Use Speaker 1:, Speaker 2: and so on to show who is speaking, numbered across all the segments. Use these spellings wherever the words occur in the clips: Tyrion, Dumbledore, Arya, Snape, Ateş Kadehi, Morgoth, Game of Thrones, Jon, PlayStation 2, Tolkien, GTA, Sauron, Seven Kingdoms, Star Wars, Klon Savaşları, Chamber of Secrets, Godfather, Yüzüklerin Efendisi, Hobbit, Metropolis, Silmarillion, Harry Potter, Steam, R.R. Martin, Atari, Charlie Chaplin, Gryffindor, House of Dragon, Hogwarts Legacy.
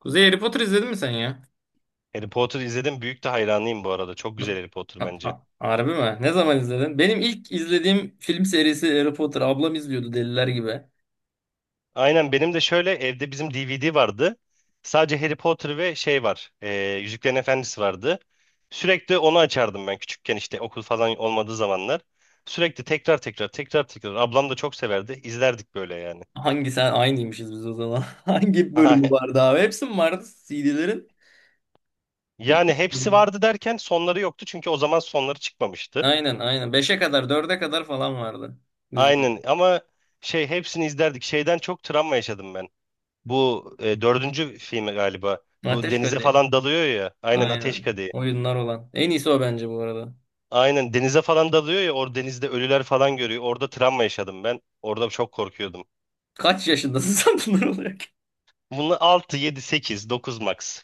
Speaker 1: Kuzey, Harry Potter izledin mi sen ya?
Speaker 2: Harry Potter izledim. Büyük de hayranıyım bu arada. Çok güzel Harry Potter bence.
Speaker 1: Harbi mi? Ne zaman izledin? Benim ilk izlediğim film serisi Harry Potter. Ablam izliyordu deliler gibi.
Speaker 2: Aynen benim de şöyle evde bizim DVD vardı. Sadece Harry Potter ve şey var. Yüzüklerin Efendisi vardı. Sürekli onu açardım ben küçükken işte okul falan olmadığı zamanlar. Sürekli tekrar tekrar tekrar tekrar. Ablam da çok severdi. İzlerdik böyle yani.
Speaker 1: Hangi sen aynıymışız biz o zaman. Hangi bölümü vardı abi? Hepsi mi vardı CD'lerin?
Speaker 2: Yani hepsi vardı derken sonları yoktu. Çünkü o zaman sonları çıkmamıştı.
Speaker 1: Aynen, aynen. Beşe kadar, dörde kadar falan vardı. Biz
Speaker 2: Aynen ama şey hepsini izlerdik. Şeyden çok travma yaşadım ben. Bu dördüncü filmi galiba. Bu
Speaker 1: Ateş
Speaker 2: denize
Speaker 1: Kadehi.
Speaker 2: falan dalıyor ya. Aynen Ateş
Speaker 1: Aynen.
Speaker 2: Kadehi.
Speaker 1: Oyunlar olan. En iyisi o, bence bu arada.
Speaker 2: Aynen denize falan dalıyor ya. Orada denizde ölüler falan görüyor. Orada travma yaşadım ben. Orada çok korkuyordum.
Speaker 1: Kaç yaşındasın sen bunlar olarak?
Speaker 2: Bunu 6, 7, 8, 9 max.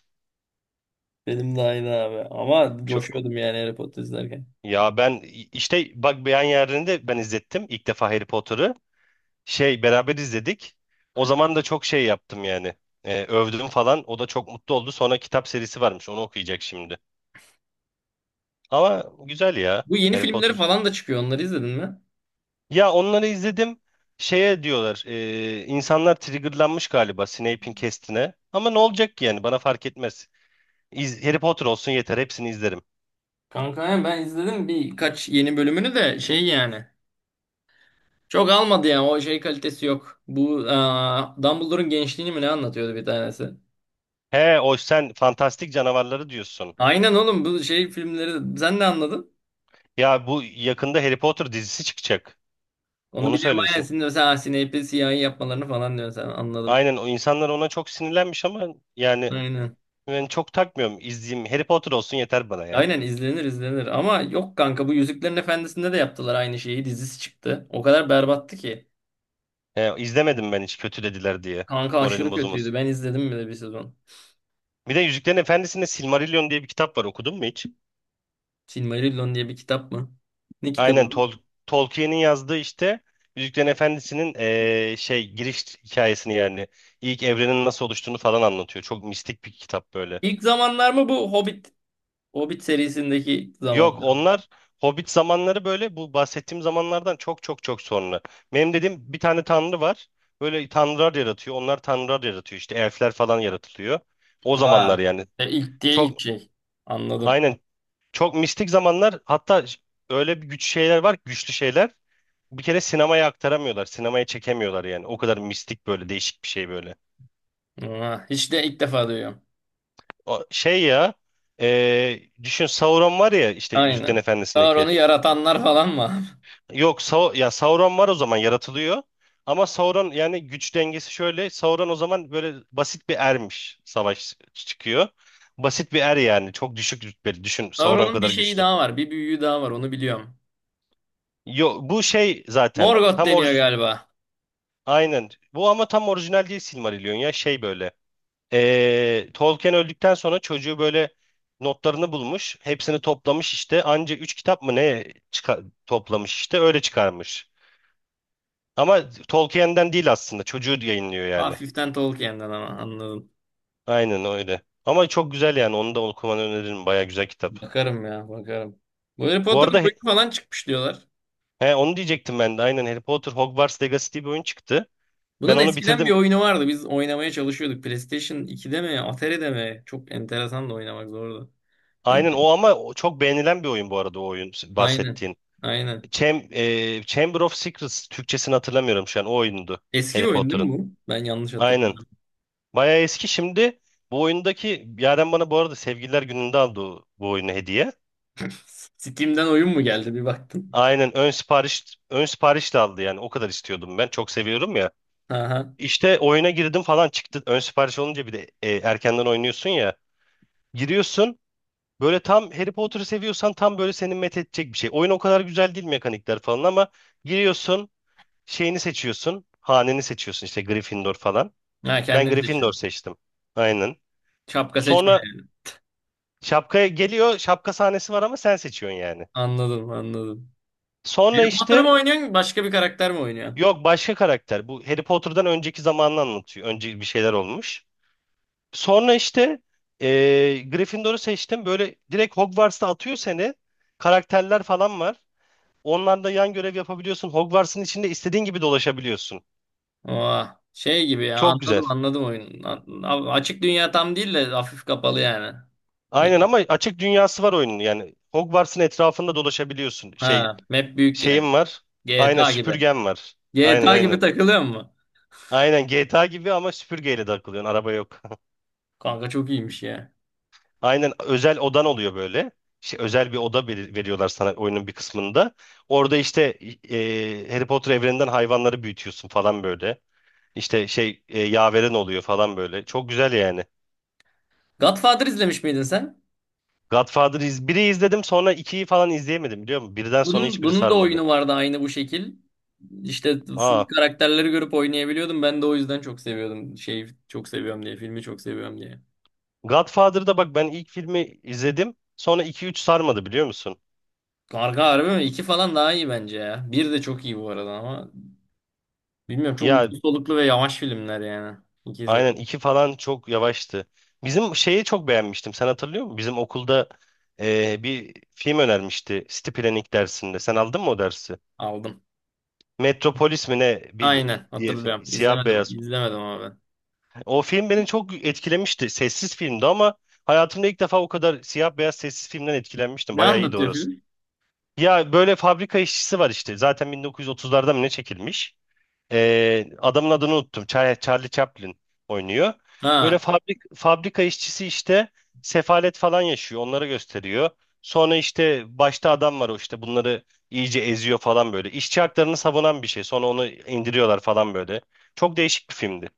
Speaker 1: Benim de aynı abi. Ama
Speaker 2: Çok...
Speaker 1: coşuyordum yani Harry Potter izlerken.
Speaker 2: Ya ben işte bak beyan yerlerinde ben izlettim ilk defa Harry Potter'ı. Şey beraber izledik. O zaman da çok şey yaptım yani. Övdüm falan. O da çok mutlu oldu. Sonra kitap serisi varmış. Onu okuyacak şimdi. Ama güzel ya.
Speaker 1: Bu yeni
Speaker 2: Harry
Speaker 1: filmleri
Speaker 2: Potter
Speaker 1: falan da çıkıyor. Onları izledin mi?
Speaker 2: ya onları izledim. Şeye diyorlar. İnsanlar triggerlanmış galiba Snape'in kestine. Ama ne olacak ki yani bana fark etmez. Harry Potter olsun yeter hepsini izlerim.
Speaker 1: Kanka ya ben izledim birkaç yeni bölümünü de şey yani. Çok almadı yani, o şey kalitesi yok. Bu Dumbledore'un gençliğini mi ne anlatıyordu bir tanesi.
Speaker 2: He o sen fantastik canavarları diyorsun.
Speaker 1: Aynen oğlum, bu şey filmleri sen de anladın.
Speaker 2: Ya bu yakında Harry Potter dizisi çıkacak.
Speaker 1: Onu
Speaker 2: Onu
Speaker 1: biliyorum, aynen
Speaker 2: söylüyorsun.
Speaker 1: şimdi mesela Snape'i siyahi yapmalarını falan diyorsun, sen anladım.
Speaker 2: Aynen o insanlar ona çok sinirlenmiş ama yani
Speaker 1: Aynen.
Speaker 2: ben çok takmıyorum. İzleyeyim Harry Potter olsun yeter bana ya.
Speaker 1: Aynen, izlenir izlenir, ama yok kanka, bu Yüzüklerin Efendisi'nde de yaptılar aynı şeyi, dizisi çıktı. O kadar berbattı ki.
Speaker 2: He, izlemedim ben hiç kötülediler diye.
Speaker 1: Kanka
Speaker 2: Moralim
Speaker 1: aşırı kötüydü,
Speaker 2: bozulmasın.
Speaker 1: ben izledim bile bir sezon.
Speaker 2: Bir de Yüzüklerin Efendisi'nde Silmarillion diye bir kitap var, okudun mu hiç?
Speaker 1: Silmarillion diye bir kitap mı? Ne kitabı
Speaker 2: Aynen
Speaker 1: bu?
Speaker 2: Tolkien'in yazdığı işte Yüzüklerin Efendisi'nin şey giriş hikayesini yani ilk evrenin nasıl oluştuğunu falan anlatıyor. Çok mistik bir kitap böyle.
Speaker 1: İlk zamanlar mı bu? Hobbit serisindeki zamanda.
Speaker 2: Yok onlar Hobbit zamanları böyle bu bahsettiğim zamanlardan çok çok çok sonra. Benim dediğim bir tane tanrı var. Böyle tanrılar yaratıyor. Onlar tanrılar yaratıyor işte elfler falan yaratılıyor. O zamanlar
Speaker 1: Ha.
Speaker 2: yani
Speaker 1: E, ilk diye ilk
Speaker 2: çok
Speaker 1: şey. Anladım.
Speaker 2: aynen çok mistik zamanlar hatta öyle bir güç şeyler var güçlü şeyler. Bir kere sinemaya aktaramıyorlar. Sinemaya çekemiyorlar yani. O kadar mistik böyle değişik bir şey böyle.
Speaker 1: Ha. Hiç de, ilk defa duyuyorum.
Speaker 2: O- şey ya Düşün Sauron var ya işte Yüzüklerin
Speaker 1: Aynen.
Speaker 2: Efendisi'ndeki.
Speaker 1: Sauron'u yaratanlar falan mı?
Speaker 2: Yok Sau ya Sauron var o zaman yaratılıyor. Ama Sauron yani güç dengesi şöyle. Sauron o zaman böyle basit bir ermiş. Savaş çıkıyor. Basit bir er yani. Çok düşük rütbeli. Düşün Sauron
Speaker 1: Sauron'un bir
Speaker 2: kadar
Speaker 1: şeyi
Speaker 2: güçlü.
Speaker 1: daha var. Bir büyüğü daha var. Onu biliyorum.
Speaker 2: Yok bu şey zaten
Speaker 1: Morgoth
Speaker 2: tam
Speaker 1: deniyor
Speaker 2: orij
Speaker 1: galiba.
Speaker 2: aynen. Bu ama tam orijinal değil Silmarillion ya şey böyle. Tolkien öldükten sonra çocuğu böyle notlarını bulmuş. Hepsini toplamış işte. Anca 3 kitap mı ne toplamış işte öyle çıkarmış. Ama Tolkien'den değil aslında. Çocuğu yayınlıyor yani.
Speaker 1: Hafiften Tolkien'den ama, anladım.
Speaker 2: Aynen öyle. Ama çok güzel yani. Onu da okumanı öneririm. Baya güzel kitap.
Speaker 1: Bakarım ya, bakarım. Bu Harry
Speaker 2: Bu
Speaker 1: Potter'ın
Speaker 2: arada
Speaker 1: boyutu falan çıkmış diyorlar.
Speaker 2: he, onu diyecektim ben de. Aynen Harry Potter Hogwarts Legacy diye bir oyun çıktı. Ben
Speaker 1: Bunun
Speaker 2: onu
Speaker 1: eskiden bir
Speaker 2: bitirdim.
Speaker 1: oyunu vardı. Biz oynamaya çalışıyorduk. PlayStation 2'de mi? Atari'de mi? Çok enteresan da, oynamak zordu.
Speaker 2: Aynen o ama o çok beğenilen bir oyun bu arada o oyun
Speaker 1: Aynen.
Speaker 2: bahsettiğin.
Speaker 1: Aynen.
Speaker 2: Chamber of Secrets Türkçesini hatırlamıyorum şu an o oyundu
Speaker 1: Eski
Speaker 2: Harry
Speaker 1: bir oyun değil
Speaker 2: Potter'ın.
Speaker 1: mi bu? Ben yanlış
Speaker 2: Aynen.
Speaker 1: hatırladım.
Speaker 2: Bayağı eski şimdi. Bu oyundaki Yaren bana bu arada Sevgililer Günü'nde aldı bu oyunu hediye.
Speaker 1: Steam'den oyun mu geldi bir baktım.
Speaker 2: Aynen ön sipariş de aldı yani o kadar istiyordum ben. Çok seviyorum ya.
Speaker 1: Aha.
Speaker 2: İşte oyuna girdim falan çıktı. Ön sipariş olunca bir de erkenden oynuyorsun ya. Giriyorsun. Böyle tam Harry Potter'ı seviyorsan tam böyle seni met edecek bir şey. Oyun o kadar güzel değil mekanikler falan ama giriyorsun, şeyini seçiyorsun, haneni seçiyorsun işte Gryffindor falan.
Speaker 1: Ha,
Speaker 2: Ben
Speaker 1: kendin
Speaker 2: Gryffindor
Speaker 1: seçiyorsun.
Speaker 2: seçtim. Aynen.
Speaker 1: Şapka seçme
Speaker 2: Sonra
Speaker 1: yani.
Speaker 2: şapkaya geliyor. Şapka sahnesi var ama sen seçiyorsun yani.
Speaker 1: Anladım, anladım. Harry
Speaker 2: Sonra
Speaker 1: Potter mı
Speaker 2: işte
Speaker 1: oynuyorsun, başka bir karakter mi oynuyorsun?
Speaker 2: yok başka karakter. Bu Harry Potter'dan önceki zamanını anlatıyor. Önce bir şeyler olmuş. Sonra işte Gryffindor'u seçtim. Böyle direkt Hogwarts'ta atıyor seni. Karakterler falan var. Onlarla yan görev yapabiliyorsun. Hogwarts'ın içinde istediğin gibi dolaşabiliyorsun.
Speaker 1: Oha. Şey gibi ya,
Speaker 2: Çok
Speaker 1: anladım
Speaker 2: güzel.
Speaker 1: anladım oyunu. Açık dünya tam değil de hafif kapalı yani. İyi.
Speaker 2: Aynen ama açık dünyası var oyunun. Yani Hogwarts'ın etrafında dolaşabiliyorsun. Şey
Speaker 1: Ha, map büyük yine.
Speaker 2: şeyim var. Aynen
Speaker 1: GTA gibi.
Speaker 2: süpürgem var. Aynen
Speaker 1: GTA gibi
Speaker 2: aynen.
Speaker 1: takılıyor mu?
Speaker 2: Aynen GTA gibi ama süpürgeyle takılıyorsun. Araba yok.
Speaker 1: Kanka çok iyiymiş ya.
Speaker 2: Aynen özel odan oluyor böyle. Şey, özel bir oda veriyorlar sana oyunun bir kısmında. Orada işte Harry Potter evreninden hayvanları büyütüyorsun falan böyle. İşte şey yaveren oluyor falan böyle. Çok güzel yani.
Speaker 1: Godfather izlemiş miydin sen?
Speaker 2: Godfather biri izledim sonra ikiyi falan izleyemedim biliyor musun? Birden sonra
Speaker 1: Bunun,
Speaker 2: hiçbiri
Speaker 1: bunun da
Speaker 2: sarmadı.
Speaker 1: oyunu vardı aynı bu şekil. İşte full
Speaker 2: Aa,
Speaker 1: karakterleri görüp oynayabiliyordum. Ben de o yüzden çok seviyordum. Şeyi çok seviyorum diye, filmi çok seviyorum diye.
Speaker 2: Godfather'da bak ben ilk filmi izledim. Sonra iki üç sarmadı biliyor musun?
Speaker 1: Karga, harbi mi? İki falan daha iyi bence ya. Bir de çok iyi bu arada ama, bilmiyorum, çok
Speaker 2: Ya
Speaker 1: uzun soluklu ve yavaş filmler yani. İkisi de
Speaker 2: aynen iki falan çok yavaştı. Bizim şeyi çok beğenmiştim. Sen hatırlıyor musun? Bizim okulda bir film önermişti. City Planning dersinde. Sen aldın mı o dersi?
Speaker 1: aldım.
Speaker 2: Metropolis mi ne? Bir
Speaker 1: Aynen
Speaker 2: diye
Speaker 1: hatırlıyorum.
Speaker 2: film. Siyah
Speaker 1: İzlemedim.
Speaker 2: beyaz.
Speaker 1: İzlemedim ben.
Speaker 2: O film beni çok etkilemişti. Sessiz filmdi ama hayatımda ilk defa o kadar siyah beyaz sessiz filmden etkilenmiştim.
Speaker 1: Ne
Speaker 2: Bayağı iyiydi
Speaker 1: anlatıyor
Speaker 2: orası.
Speaker 1: film?
Speaker 2: Ya böyle fabrika işçisi var işte. Zaten 1930'larda mı ne çekilmiş? Adamın adını unuttum. Charlie Chaplin oynuyor. Böyle
Speaker 1: Ha,
Speaker 2: fabrika işçisi işte sefalet falan yaşıyor. Onları gösteriyor. Sonra işte başta adam var o işte bunları iyice eziyor falan böyle. İşçi haklarını savunan bir şey. Sonra onu indiriyorlar falan böyle. Çok değişik bir filmdi.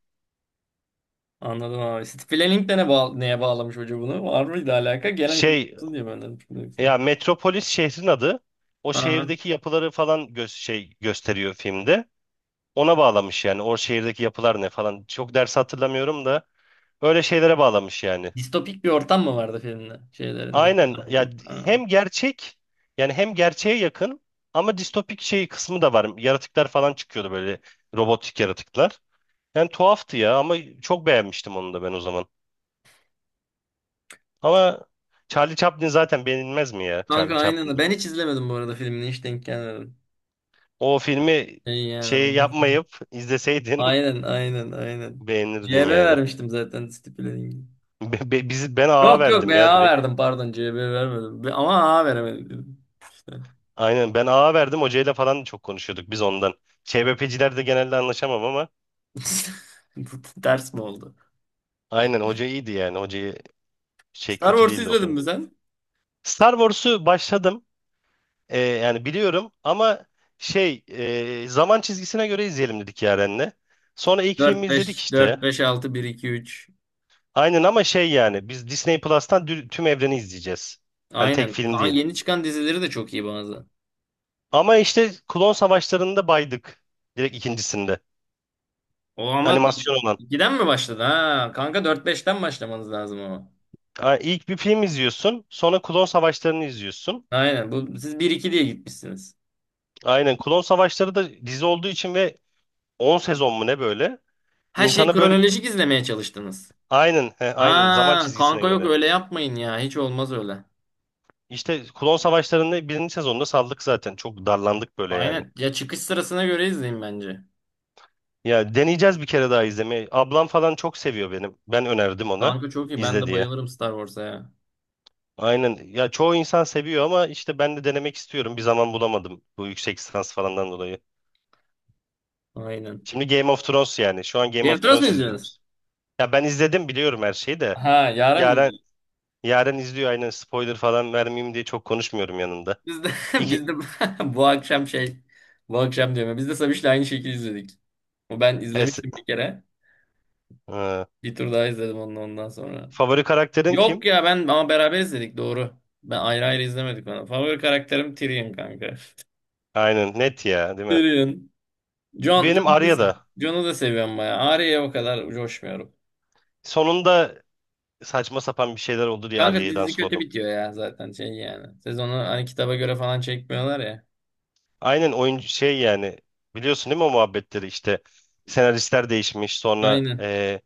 Speaker 1: anladım abi. City Planning de ne neye bağlamış hoca bunu? Var mıydı alaka? Gelen kötü
Speaker 2: Şey
Speaker 1: olsun diye ben dedim. Şimdi yoksa.
Speaker 2: ya, Metropolis şehrin adı. O şehirdeki yapıları falan gösteriyor filmde. Ona bağlamış yani. O şehirdeki yapılar ne falan. Çok ders hatırlamıyorum da öyle şeylere bağlamış yani.
Speaker 1: Distopik bir ortam mı vardı filmde?
Speaker 2: Aynen ya
Speaker 1: Ha.
Speaker 2: hem gerçek yani hem gerçeğe yakın ama distopik şey kısmı da var. Yaratıklar falan çıkıyordu böyle robotik yaratıklar. Yani tuhaftı ya ama çok beğenmiştim onu da ben o zaman. Ama Charlie Chaplin zaten beğenilmez mi ya
Speaker 1: Kanka
Speaker 2: Charlie
Speaker 1: aynen.
Speaker 2: Chaplin?
Speaker 1: Ben hiç izlemedim bu arada filmini. Hiç denk gelmedim.
Speaker 2: O filmi
Speaker 1: Şey yani,
Speaker 2: şey
Speaker 1: onu izledim.
Speaker 2: yapmayıp izleseydin
Speaker 1: Aynen aynen aynen.
Speaker 2: beğenirdin
Speaker 1: CB
Speaker 2: yani.
Speaker 1: vermiştim zaten stipülenin.
Speaker 2: Ben ağa
Speaker 1: Yok, yok,
Speaker 2: verdim ya
Speaker 1: BA
Speaker 2: direkt.
Speaker 1: verdim, pardon, CB vermedim. Ama A veremedim. Dedim. İşte.
Speaker 2: Aynen ben ağa verdim hocayla falan da çok konuşuyorduk biz ondan. ÇBP'ciler de genelde anlaşamam ama
Speaker 1: Bu ters mi oldu?
Speaker 2: aynen hoca iyiydi yani hocayı şey
Speaker 1: Star
Speaker 2: kötü
Speaker 1: Wars
Speaker 2: değildi o
Speaker 1: izledin
Speaker 2: kadar.
Speaker 1: mi sen?
Speaker 2: Star Wars'u başladım. Yani biliyorum ama şey zaman çizgisine göre izleyelim dedik Yaren'le. Sonra ilk filmi
Speaker 1: Dört
Speaker 2: izledik
Speaker 1: beş,
Speaker 2: işte.
Speaker 1: dört beş altı, bir iki üç.
Speaker 2: Aynen ama şey yani biz Disney Plus'tan tüm evreni izleyeceğiz. Hani tek
Speaker 1: Aynen.
Speaker 2: film
Speaker 1: Kaan,
Speaker 2: değil.
Speaker 1: yeni çıkan dizileri de çok iyi bazı.
Speaker 2: Ama işte Klon Savaşları'nda baydık. Direkt ikincisinde.
Speaker 1: O ama
Speaker 2: Animasyon olan.
Speaker 1: 2'den mi başladı ha? Kanka dört beşten başlamanız lazım ama.
Speaker 2: Ha, İlk bir film izliyorsun. Sonra Klon Savaşları'nı izliyorsun.
Speaker 1: Aynen. Bu, siz bir iki diye gitmişsiniz.
Speaker 2: Aynen Klon Savaşları da dizi olduğu için ve 10 sezon mu ne böyle?
Speaker 1: Her şeyi
Speaker 2: İnsana böyle
Speaker 1: kronolojik izlemeye çalıştınız.
Speaker 2: aynen, he, aynen zaman
Speaker 1: Ha
Speaker 2: çizgisine
Speaker 1: kanka, yok
Speaker 2: göre.
Speaker 1: öyle yapmayın ya. Hiç olmaz öyle.
Speaker 2: İşte Klon Savaşları'nın birinci sezonunda saldık zaten. Çok darlandık böyle yani.
Speaker 1: Aynen. Ya çıkış sırasına göre izleyin bence.
Speaker 2: Ya deneyeceğiz bir kere daha izlemeyi. Ablam falan çok seviyor benim. Ben önerdim ona
Speaker 1: Kanka çok iyi. Ben
Speaker 2: izle
Speaker 1: de
Speaker 2: diye.
Speaker 1: bayılırım Star Wars'a ya.
Speaker 2: Aynen. Ya çoğu insan seviyor ama işte ben de denemek istiyorum. Bir zaman bulamadım bu yüksek lisans falandan dolayı.
Speaker 1: Aynen.
Speaker 2: Şimdi Game of Thrones yani. Şu an Game
Speaker 1: Game of
Speaker 2: of
Speaker 1: Thrones mu
Speaker 2: Thrones
Speaker 1: izliyorsunuz?
Speaker 2: izliyoruz. Ya ben izledim biliyorum her şeyi de.
Speaker 1: Ha, yarın mı
Speaker 2: Yaren,
Speaker 1: izliyorsunuz?
Speaker 2: Yaren izliyor aynen spoiler falan vermeyeyim diye çok konuşmuyorum yanında.
Speaker 1: Biz de,
Speaker 2: İki,
Speaker 1: biz de bu akşam şey bu akşam diyorum. Ya, biz de Sabiş'le aynı şekilde izledik. O, ben
Speaker 2: es,
Speaker 1: izlemiştim bir kere.
Speaker 2: Ee,
Speaker 1: Bir tur daha izledim onu ondan sonra.
Speaker 2: favori karakterin
Speaker 1: Yok
Speaker 2: kim?
Speaker 1: ya, ben ama beraber izledik, doğru. Ben ayrı ayrı izlemedik onu. Favori karakterim Tyrion kanka.
Speaker 2: Aynen net ya değil mi?
Speaker 1: Tyrion.
Speaker 2: Benim Arya da
Speaker 1: Jon'u da seviyorum bayağı. Arya'ya o kadar coşmuyorum.
Speaker 2: sonunda saçma sapan bir şeyler oldu diye
Speaker 1: Kanka
Speaker 2: Arya'dan
Speaker 1: dizi kötü
Speaker 2: sordum.
Speaker 1: bitiyor ya zaten, şey yani. Sezonu hani kitaba göre falan çekmiyorlar ya.
Speaker 2: Aynen oyuncu şey yani biliyorsun değil mi o muhabbetleri işte senaristler değişmiş sonra
Speaker 1: Aynen.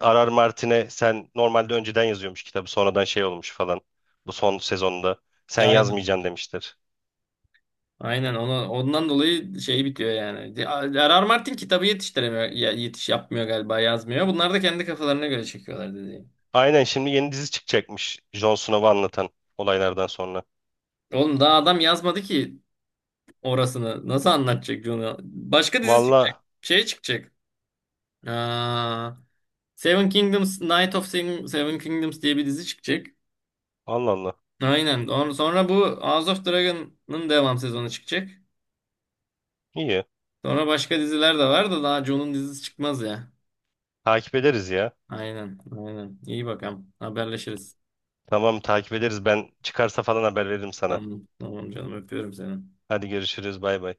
Speaker 2: Arar Martin'e sen normalde önceden yazıyormuş kitabı sonradan şey olmuş falan bu son sezonda sen
Speaker 1: Ya aynen.
Speaker 2: yazmayacaksın demiştir.
Speaker 1: Aynen onu, ondan dolayı şey bitiyor yani. R.R. Martin kitabı yetiştiremiyor, yetiş yapmıyor galiba, yazmıyor. Bunlar da kendi kafalarına göre çekiyorlar, dediğim.
Speaker 2: Aynen şimdi yeni dizi çıkacakmış Jon Snow'u anlatan olaylardan sonra.
Speaker 1: Oğlum daha adam yazmadı ki, orasını nasıl anlatacak John'u? Başka dizi çıkacak.
Speaker 2: Valla
Speaker 1: Şey çıkacak. Aa, Seven Kingdoms, Night of Seven, Seven Kingdoms diye bir dizi çıkacak.
Speaker 2: Allah Allah,
Speaker 1: Aynen. Sonra bu House of Dragon'ın devam sezonu çıkacak.
Speaker 2: iyi
Speaker 1: Sonra başka diziler de var da, daha John'un dizisi çıkmaz ya.
Speaker 2: takip ederiz ya.
Speaker 1: Aynen. Aynen. İyi bakalım. Haberleşiriz.
Speaker 2: Tamam takip ederiz. Ben çıkarsa falan haber veririm sana.
Speaker 1: Tamam. Tamam canım, öpüyorum seni.
Speaker 2: Hadi görüşürüz. Bay bay.